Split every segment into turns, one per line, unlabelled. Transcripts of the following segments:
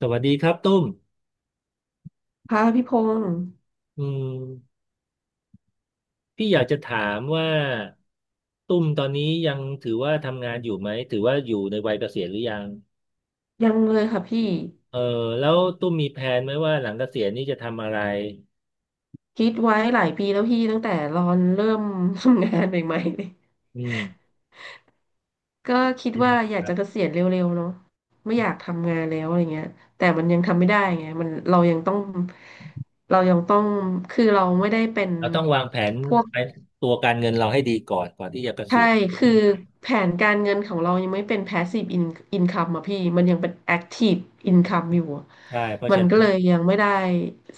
สวัสดีครับตุ้ม
ค่ะพี่พงศ์
อืมพี่อยากจะถามว่าตุ้มตอนนี้ยังถือว่าทำงานอยู่ไหมถือว่าอยู่ในวัยเกษียณหรือยัง
ยังเลยค่ะพี่
เออแล้วตุ้มมีแผนไหมว่าหลังเกษียณนี่จะทำอะไร
คิดไว้หลายปีแล้วพี่ตั้งแต่รอนเริ่มทำงานใหม่ๆเลย
อืม
ก็คิด
เป็นยัง
ว่า
ไง
อยา
ค
ก
รั
จะเก
บ
ษียณเร็วๆเนาะไม่อยากทำงานแล้วอะไรเงี้ยแต่มันยังทำไม่ได้ไงมันเรายังต้องเรายังต้องคือเราไม่ได้เป็น
เราต้องวางแผน
พวก
ไปตัวการเงินเราให้ดีก่อนก่อนที่จะเก
ใช่
ษียณจ
คือ
ริงไหม
แผนการเงินของเรายังไม่เป็น income อะพี่มันยังเป็น active income อยู่อะ
ใช่เพราะ
มั
ฉะ
นก็
นั้
เล
น
ยยังไม่ได้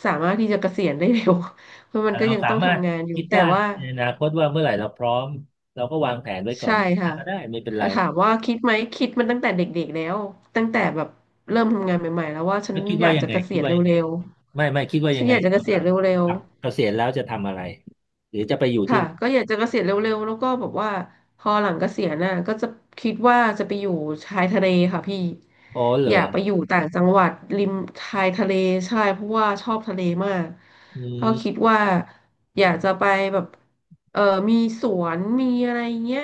สามารถที่จะเกษียณได้เร็ว เพราะมั
แต่
นก็
เรา
ยัง
สา
ต้อง
มารถ
ทำงานอยู่
คิด
แต่
ได้
ว่า
ในอนาคตว่าเมื่อไหร่เราพร้อมเราก็วางแผนไว้ก่อ
ใช่
น
ค่ะ
ก็ได้ไม่เป็นไร
แต่ถามว่าคิดไหม คิดมันตั้งแต่เด็กๆแล้ว ตั้งแต่แบบเริ่มทำงานใหม่ๆแล้วว่าฉัน
แล้วคิด
อ
ว่า
ยาก
ยัง
จะ
ไง
เกษี
คิด
ยณเ
ว่ายังไง
ร็ว
ไม่คิดว่า
ๆฉั
ยั
น
ง
อ
ไง
ยากจะเก
เกี่ยว
ษีย
กั
ณ
บ
เร็ว
กับเก
ๆ
ษียณแล้วจะทำอะไรหรือจะไปอยู่ที่
ค่ะก็อยากจะเกษียณเร็วๆแล้วก็แบบว่าพอหลังเกษียณน่ะก็จะคิดว่าจะไปอยู่ชายทะเลค่ะพี่
อ๋อเหร
อ
อ
ยากไปอยู่ต่างจังหวัดริมชายทะเลใช่เพราะว่าชอบทะเลมาก
อื
ก็คิด
ม
ว่าอยากจะไปแบบเออมีสวนมีอะไรเงี้ย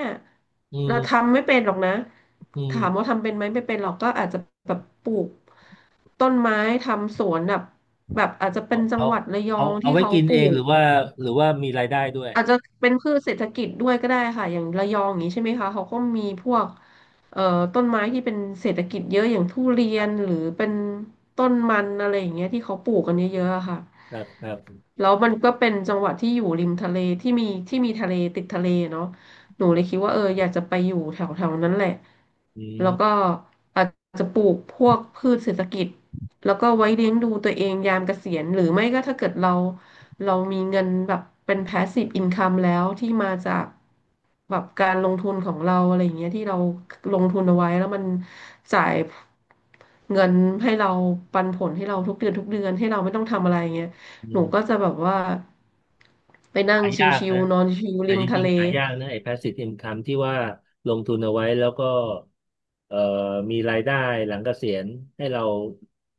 อื
เรา
ม
ทำไม่เป็นหรอกนะ
อื
ถามว่า
ม
ทำเป็นไหมไม่เป็นหรอกก็อาจจะแบบปลูกต้นไม้ทำสวนแบบแบบอาจจะเป็
เอา
นจัง
เอา
หวัดระยอ
เอา
ง
เอา
ที่
ไว้
เขา
กิน
ปลู
เองห
ก
รือว่าหรือว่ามีรายได้ด้วย
อาจจะเป็นพืชเศรษฐกิจด้วยก็ได้ค่ะอย่างระยองอย่างนี้ใช่ไหมคะเขาก็มีพวกเอ่อต้นไม้ที่เป็นเศรษฐกิจเยอะอย่างทุเรีย
ครั
น
บ
หรือเป็นต้นมันอะไรอย่างเงี้ยที่เขาปลูกกันเยอะๆอะค่ะ
ครับครับ
แล้วมันก็เป็นจังหวัดที่อยู่ริมทะเลที่มีทะเลติดทะเลเนาะหนูเลยคิดว่าเอออยากจะไปอยู่แถวๆนั้นแหละ
อื
แล้วก็
ม
อาจจะปลูกพวกพืชเศรษฐกิจ แล้วก็ไว้เลี้ยงดูตัวเองยามเกษียณหรือไม่ก็ถ้าเกิดเรามีเงินแบบเป็นแพสซีฟอินคัมแล้วที่มาจากแบบการลงทุนของเราอะไรอย่างเงี้ยที่เราลงทุนเอาไว้แล้วมันจ่ายเงินให้เราปันผลให้เราทุกเดือนทุกเดือนให้เราไม่ต้องทำอะไรอย่างเงี้ย
อื
หนูก็
ม
จะแบบว่าไปนั่ง
หายาก
ชิว
นะ
ๆนอนชิว
แต่
ริม
จ
ทะ
ริง
เล
ๆหายากนะไอ้ passive income ที่ว่าลงทุนเอาไว้แล้วก็เอ่อมีรายได้หลังเกษียณให้เรา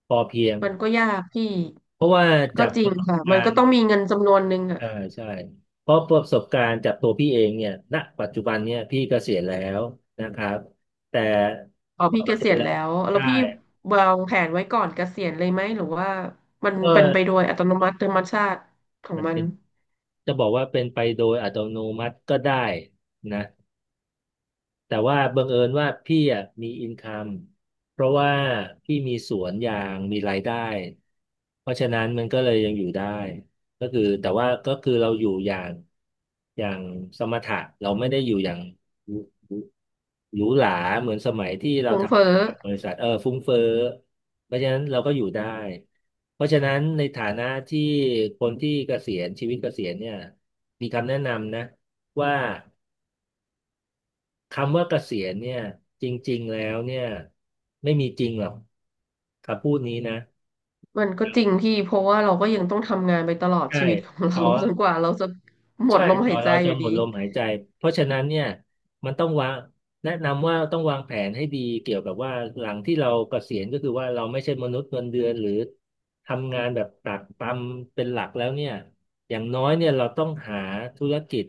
พอเพียง
มันก็ยากพี่
เพราะว่าจา
ก็
ก
จ
ป
ริง
ระสบ
ค่ะ
กา
มัน
ร
ก็
ณ์
ต้องมีเงินจำนวนหนึ่งอะ
อ่าใช่เพราะประสบการณ์จากตัวพี่เองเนี่ยณปัจจุบันเนี่ยพี่เกษียณแล้วนะครับแต่
อ๋อ
พอ
พี่
เก
เก
ษีย
ษี
ณ
ยณ
แล้
แล้
ว
วแล้ว
ใช่
พี่วางแผนไว้ก่อนเกษียณเลยไหมหรือว่ามัน
ก็
เป็นไปโดยอัตโนมัติธรรมชาติของ
มัน
มั
เป็
น
นจะบอกว่าเป็นไปโดยอัตโนมัติก็ได้นะ แต่ว่าบังเอิญว่าพี่อ่ะมีอินคัมเพราะว่าพี่มีสวนยางมีรายได้เพราะฉะนั้นมันก็เลยยังอยู่ได้ก็คือแต่ว่าก็คือเราอยู่อย่างอย่างสมถะเราไม่ได้อยู่อย่างหรูหรูหราเหมือนสมัยที่เรา
ฟุ้
ท
งเฟ้อ
ำบริษัทฟุ้งเฟ้อเพราะฉะนั้นเราก็อยู่ได้เพราะฉะนั้นในฐานะที่คนที่เกษียณชีวิตเกษียณเนี่ยมีคำแนะนำนะว่า คำว่าเกษียณเนี่ยจริงๆแล้วเนี่ยไม่มีจริงหรอกคำพูดนี้นะ
มันก็จริงพี่เพราะว่าเราก็ยังต้องทำงานไปตลอด
ใช่
ชีวิตของ
ต่
เรา
อ
จนกว่าเราจะหม
ใช่
ด
ก
ลมหา
่อ
ย
น
ใจ
เรา
อ
จะ
ยู่
หม
ดี
ดลมหายใจ เพราะฉะนั้นเนี่ยมันต้องวางแนะนำว่าต้องวางแผนให้ดีเกี่ยวกับว่าหลังที่เราเกษียณก็คือว่าเราไม่ใช่มนุษย์เงินเดือนหรือทำงานแบบตากตำเป็นหลักแล้วเนี่ยอย่างน้อยเนี่ยเราต้องหาธุรกิจ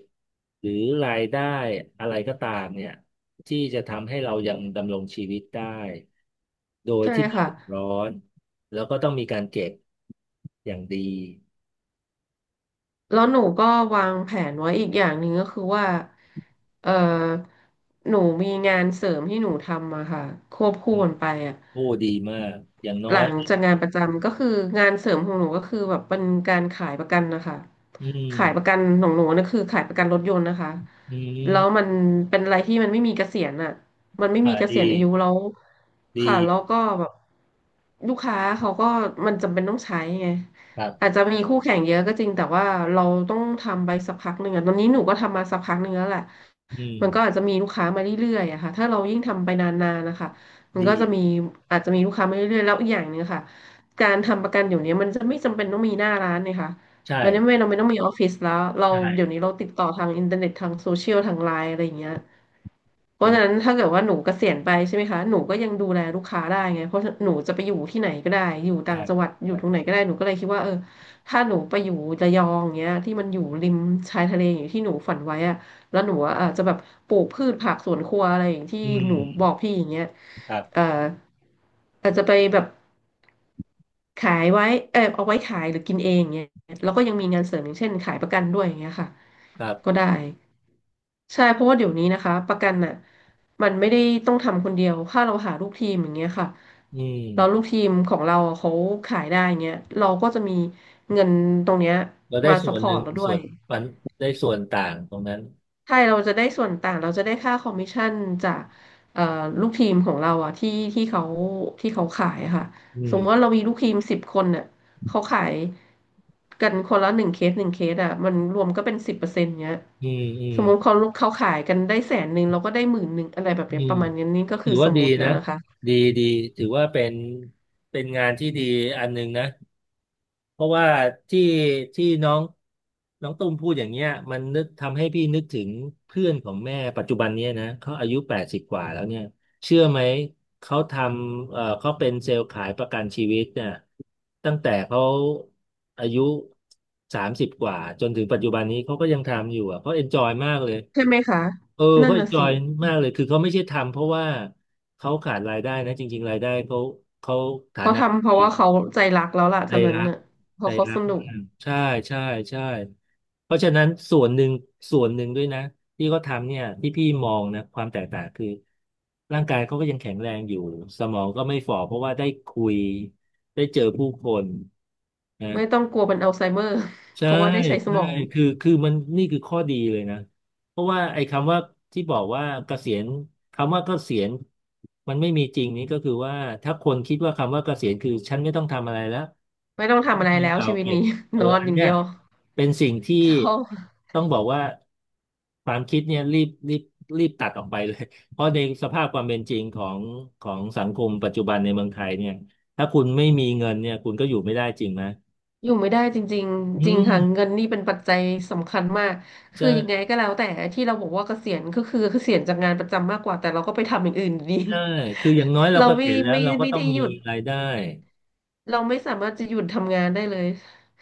หรือรายได้อะไรก็ตามเนี่ยที่จะทำให้เรายังดำรงชีวิตได้โดย
ใช่
ที่ไม่
ค่ะ
เดือดร้อนแล้วก็ต้องมีการเก็บอย่างดี
แล้วหนูก็วางแผนไว้อีกอย่างหนึ่งก็คือว่าเออหนูมีงานเสริมที่หนูทำอะค่ะควบ
อื
คู่
ม
กันไปอะ
โอ้ดีมากอย่างน้อ
หลั
ย
งจากงานประจำก็คืองานเสริมของหนูก็คือแบบเป็นการขายประกันนะคะ
อื
ขายประกั
ม
นของหนูนะคือขายประกันรถยนต์นะคะ
อื
แล้วมั
ม
นเป็นอะไรที่มันไม่มีเกษียณอ่ะมันไม่
อ่า
มีเกษี
ดี
ยณอายุแล้ว
ดี
ค่ะแล้วก็แบบลูกค้าเขาก็มันจำเป็นต้องใช้ไง
ครั
อาจ
บ
จะมีคู่แข่งเยอะก็จริงแต่ว่าเราต้องทำไปสักพักหนึ่งอะตอนนี้หนูก็ทำมาสักพักหนึ่งแล้วแหละ
อืม
มันก็อาจจะมีลูกค้ามาเรื่อยๆอะค่ะถ้าเรายิ่งทำไปนานๆนะคะ มันก็จะ
ดี
มีอาจจะมีลูกค้ามาเรื่อยๆแล้วอีกอย่างหนึ่งค่ะการทำประกันอยู่เนี้ยมันจะไม่จำเป็นต้องมีหน้าร้านเนี่ยค่ะ
ใ
วันนี้ไม่
ช่
เราไม่ต้องมีออฟฟิศแล้วเรา
ใช่
เดี๋ยวนี้เราติดต่อทางอินเทอร์เน็ตทางโซเชียลทางไลน์อะไรอย่างเงี้ย เพ
เห็
ราะ
น
ฉะนั้นถ้าเกิดว่าหนูเกษียณไปใช่ไหมคะหนูก็ยังดูแลลูกค้าได้ไงเพราะหนูจะไปอยู่ที่ไหนก็ได้อยู่
ใช่
ต่างจังหวัดอยู่
ใช่
ตรงไหนก็ได้หนูก็เลยคิดว่าเออถ้าหนูไปอยู่ระยองเงี้ยที่มันอยู่ริมชายทะเลอย่างที่หนูฝันไว้อะแล้วหนูอะอาจจะแบบปลูกพืชผักสวนครัวอะไรอย่างที่
อื
หนูบ
ม
อกพี่อย่างเงี้ย
ครั
เอ่อ
บ
อาจจะไปแบบขายไว้เออเอาไว้ขายหรือกินเองเงี้ยแล้วก็ยังมีงานเสริมอย่างเช่นขายประกันด้วยอย่างเงี้ยค่ะ
ครั
ก็
บ
ได้ ใช่เพราะว่าเดี๋ยวนี้นะคะประกันน่ะมันไม่ได้ต้องทำคนเดียวถ้าเราหาลูกทีมอย่างเงี้ยค่ะ
อื
เราลูก
ม
ทีมของเราเขาขายได้อย่างเงี้ยเราก็จะมีเงินตรงเนี้ย
เราได้
มา
ส่
ซัพ
ว
พ
นห
อร์
นึ่
ต
ง
เราด้ว
ส่ว
ย
นปันได้ส่วนต่างตรงนั้น
ใช่เราจะได้ส่วนต่างเราจะได้ค่าคอมมิชชั่นจากเอ่อลูกทีมของเราอะที่เขาที่เขาขายอะค่ะ
อื
สมม
ม
ติว่าเรามีลูกทีม10 คนเนี่ยเขาขายกันคนละหนึ่งเคสหนึ่งเคสอะมันรวมก็เป็น10%เนี้ย
อืมอื
ส
ม
มมติเขาขายกันได้100,000เราก็ได้10,000อะไรแบบเนี้
อื
ยป
ม
ระมาณนี้นี่ก็
ถื
คือ
อ
ส
ว่า
ม
ดี
มติ
นะ
นะคะ
ดีดีถือว่าเป็นเป็นงานที่ดีอันหนึ่งนะ เพราะว่าที่ที่น้องน้องตุ้มพูดอย่างเงี้ยมันนึกทำให้พี่นึกถึงเพื่อนของแม่ปัจจุบันเนี้ยนะเขาอายุแปดสิบกว่าแล้วเนี่ยเชื่อไหมเขาทำเขาเป็นเซลล์ขายประกันชีวิตเนี่ยตั้งแต่เขาอายุสามสิบกว่าจนถึงปัจจุบันนี้เขาก็ยังทำอยู่อ่ะเขาเอนจอยมากเลย
ใช่ไหมคะ
เออ
นั่
เขา
นน่ะสิ
Enjoy มากเลยคือเขาไม่ใช่ทำเพราะว่าเขาขาดรายได้นะจริงๆรายได้เขาเขาฐา
เขา
นะ
ทำเพราะ
ดี
ว่าเขาใจรักแล้วล่ะ
ใจ
เท่านั้น
รัก
น่ะเพ
ใจ
ราะเขา
รั
ส
ก
นุก
ใช่ใช่ใช่เพราะฉะนั้นส่วนหนึ่งส่วนหนึ่งด้วยนะที่เขาทำเนี่ยที่พี่มองนะความแตกต่างคือร่างกายเขาก็ยังแข็งแรงอยู่สมองก็ไม่ฝ่อเพราะว่าได้คุยได้เจอผู้คนนะ
ไม่ต้องกลัวเป็นอัลไซเมอร์ เพ
ใช่
ราะว่าได้ใช้ส
ใช่
มอง
คือคือมันนี่คือข้อดีเลยนะเพราะว่าไอ้คำว่าที่บอกว่าเกษียณคำว่าเกษียณมันไม่มีจริงนี้ก็คือว่าถ้าคนคิดว่าคำว่าเกษียณคือฉันไม่ต้องทำอะไรแล้ว
ไม่ต้องทำ
ที่
อะไร
ดิน
แล้ว
เก่า
ชีวิต
เก็บ
นี้ นอน
อั
อ
น
ย่าง
เนี้
เดี
ย
ยว
เป็นสิ่งที่
จะ
ต้องบอกว่าความคิดเนี่ยรีบตัดออกไปเลย เพราะในสภาพความเป็นจริงของของสังคมปัจจุบันในเมืองไทยเนี่ยถ้าคุณไม่มีเงินเนี่ยคุณก็อยู่ไม่ได้จริงไหม
อยู่ไม่ได้จริง
อื
ๆจริงค่ะ
ม
เงินนี่เป็นปัจจัยสำคัญมากคือยังไง
ใช่
ก็แล้วแต่ที่เราบอกว่าเกษียณก็คือเกษียณจากงานประจำมากกว่าแต่เราก็ไปทำอย่างอื่นอยู่ดี
ใช่คืออย่างน้อย เรา
เรา
ก็
ไม่
เห็นแล้ว
ไม่
เราก็
ไม่
ต้อ
ได้
ง
ห
มี
ยุด
รายได้
เราไม่สามารถจะหยุดทำงานได้เลย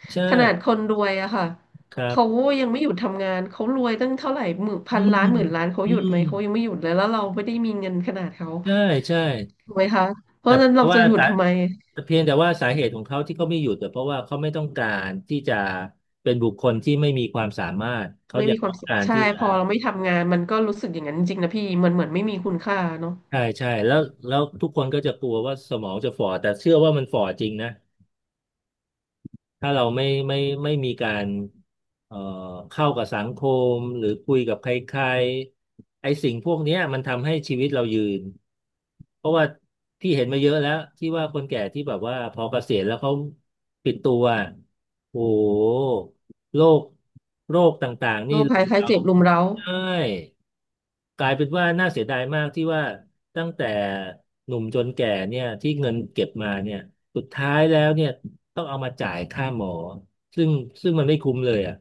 ใช่
ขนาดคนรวยอะค่ะ
ครั
เขา
บ
ยังไม่หยุดทำงานเขารวยตั้งเท่าไหร่หมื่น
อื
พัน
ม
ล้านหมื่นล้านเขา
อื
หยุดไหม
ม
เขายังไม่หยุดเลยแล้วเราไม่ได้มีเงินขนาดเขา
ใช่ใช่
ถูกไหมคะเพ
แต่
ราะฉะนั้น
เพ
เรา
ราะ
จะ
ว่า
หยุด
สา
ทำไม
แต่เพียงแต่ว่าสาเหตุของเขาที่เขาไม่หยุดแต่เพราะว่าเขาไม่ต้องการที่จะเป็นบุคคลที่ไม่มีความสามารถเขา
ไม่
ยั
มี
ง
ควา
ต้
ม
อง
สุข
การ
ใช่
ที่จะ
พอเราไม่ทำงานมันก็รู้สึกอย่างนั้นจริงๆนะพี่มันเหมือนไม่มีคุณค่าเนาะ
ใช่ใช่แล้วแล้วทุกคนก็จะกลัวว่าสมองจะฝ่อแต่เชื่อว่ามันฝ่อจริงนะ ถ้าเราไม่มีการเอ่อเข้ากับสังคมหรือคุยกับใครๆไอ้สิ่งพวกเนี้ยมันทำให้ชีวิตเรายืนเพราะว่าพี่เห็นมาเยอะแล้วที่ว่าคนแก่ที่แบบว่าพอเกษียณแล้วเขาปิดตัวโอ้โหโรคโรคต่างๆ
โร
นี่
ค
รุ
ภัย
ม
ไข้
เรา
เจ็บรุมเร้า
ใช่กลายเป็นว่าน่าเสียดายมากที่ว่าตั้งแต่หนุ่มจนแก่เนี่ยที่เงินเก็บมาเนี่ย สุดท้ายแล้วเนี่ยต้องเอามาจ่ายค่าหมอซึ่งซึ่งมันไม่คุ้มเลยอ่ะ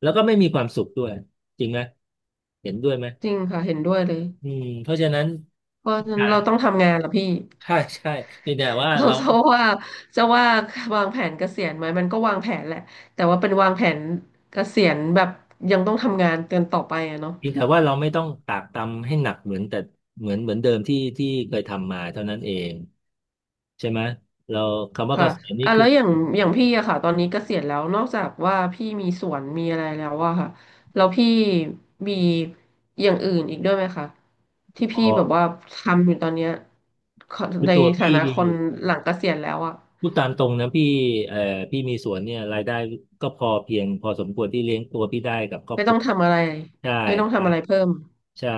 แล้วก็ไม่มีความสุขด้วยจริงไหมเห็นด้วยไหม
จริงค่ะเห็นด้วยเลย
อืมเพราะฉะนั้น
เพราะฉะ
ใ
นั้นเราต้องทำงานละพี่
ช่ใช่เพียงแต่ว่า
เรา
เรา
จะว่าว่าวางแผนเกษียณไหมมันก็วางแผนแหละแต่ว่าเป็นวางแผนเกษียณแบบยังต้องทำงานกันต่อไปอะเนาะ
เพียงแต่ว่าเราไม่ต้องตากตำให้หนักเหมือนแต่เหมือนเหมือนเดิมที่ที่เคยทำมาเท่านั้นเองใช่ไหมเราคำว่าเก
ค่ะ
ษียณนี่
อ่ะ
คือ
แล้วอย่างพี่อะค่ะตอนนี้เกษียณแล้วนอกจากว่าพี่มีสวนมีอะไรแล้วอะค่ะ แล้วพี่มีอย่างอื่นอีกด้วยไหมคะที่
พ
พี่
อ
แบบว่าทำอยู่ตอนเนี้ยขอ
คือ
ใน
ตัว
ฐา
พี่
นะคนหลังเกษียณแล้วอะ
พูดตามตรงนะพี่เอ่อพี่มีสวนเนี่ยรายได้ก็พอเพียงพอสมควรที่เลี้ยงตัวพี่ได้กับครอบ
ไม่
ค
ต้
รั
อ
ว
งทำอะไร
ใช่
ไม่ต้องทำอะไรเพิ่ม
ใช่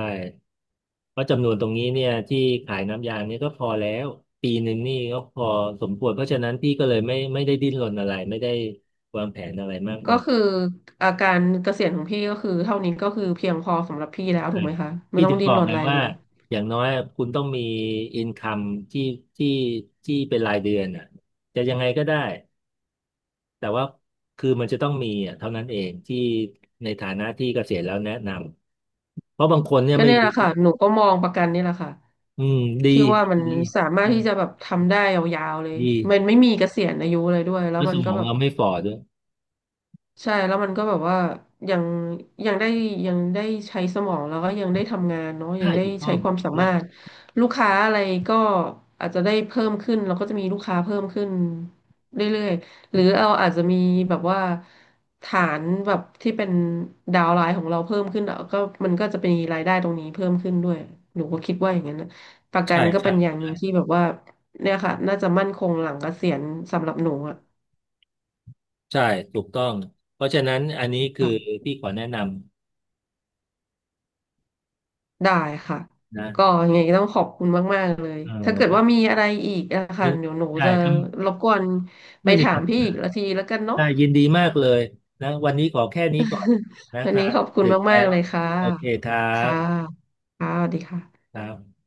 เพราะจำนวนตรงนี้เนี่ยที่ขายน้ำยางเนี่ยก็พอแล้วปีหนึ่งนี่ก็พอสมควรเพราะฉะนั้นพี่ก็เลยไม่ได้ดิ้นรนอะไรไม่ได้วางแผนอะไรมาก
ก็
มาย
คืออาการเกษียณของพี่ก็คือเท่านี้ก็คือเพียงพอสำหรับพี่แล้ว
ใช่
ถูกไหมคะไม่
พี่
ต้อ
ถึ
ง
ง
ดิ้
บ
น
อก
รน
ไง
อะไร
ว่า
เลย
อย่างน้อยคุณต้องมีอินคัมที่ที่ที่เป็นรายเดือนอ่ะจะยังไงก็ได้ แต่ว่าคือมันจะต้องมีอ่ะเท่านั้นเองที่ในฐานะที่เกษียณแล้วแนะนำเพราะบางคนเนี่ย
ก็
ไม่
เนี่ยแห
รู้
ละค่ะหนูก็มองประกันนี่แหละค่ะ
อืมดี
ที่ว่ามัน
ดี
สามารถ
ดี
ที่จะแบบทำได้ยาวๆเลย
ดี
มันไม่มีเกษียณอายุเลยด้วยแล้ว
แล้วส
มัน
ม
ก็
อง
แบบ
เราไม่ฝ่อด้วย
ใช่แล้วมันก็แบบว่ายังยังได้ยังได้ใช้สมองแล้วก็ยังได้ทำงานเนาะยั
ใช่
งได้
ถูกต้อ
ใช้
ง
ความ
ถูก
สา
ต้อ
มา
ง
รถลูกค้าอะไรก็อาจจะได้เพิ่มขึ้นเราก็จะมีลูกค้าเพิ่มขึ้นเรื่อยๆหรือเราอาจจะมีแบบว่าฐานแบบที่เป็นดาวน์ไลน์ของเราเพิ่มขึ้นอ่ะก็มันก็จะเป็นรายได้ตรงนี้เพิ่มขึ้นด้วยหนูก็คิดว่าอย่างนั้นนะประกั
ใช่
นก็
ใช่
เป็นอย่างห
ใช่
นึ่งที่แบบว่าเนี่ยค่ะน่าจะมั่นคงหลังเกษียณสำหรับหนูอ่ะ
ใช่ถูกต้องเพราะฉะนั้นอันนี้คือพี่ขอแนะน
ได้ค่ะ
ำนะ
ก็ยังไงต้องขอบคุณมากๆเลย
เออ
ถ้าเกิด
วัน
ว่ามีอะไรอีกอะค่ะเดี๋ยวหนู
ใช่
จะ
ท
รบกวน
ำ
ไป
ไม่มี
ถา
ปั
ม
ญ
พี่
หา
อีกละทีแล้วกันเนาะ
ได้ยินดีมากเลยนะวันนี้ขอแค่นี้ก่อนนะ
วั
ค
น
รั
นี้
บ
ขอบคุณ
ดึกแล้
มากๆ
ว
เลยค่ะ
โอเคครับ
ค่ะค่ะสวัสดีค่ะ
ครับ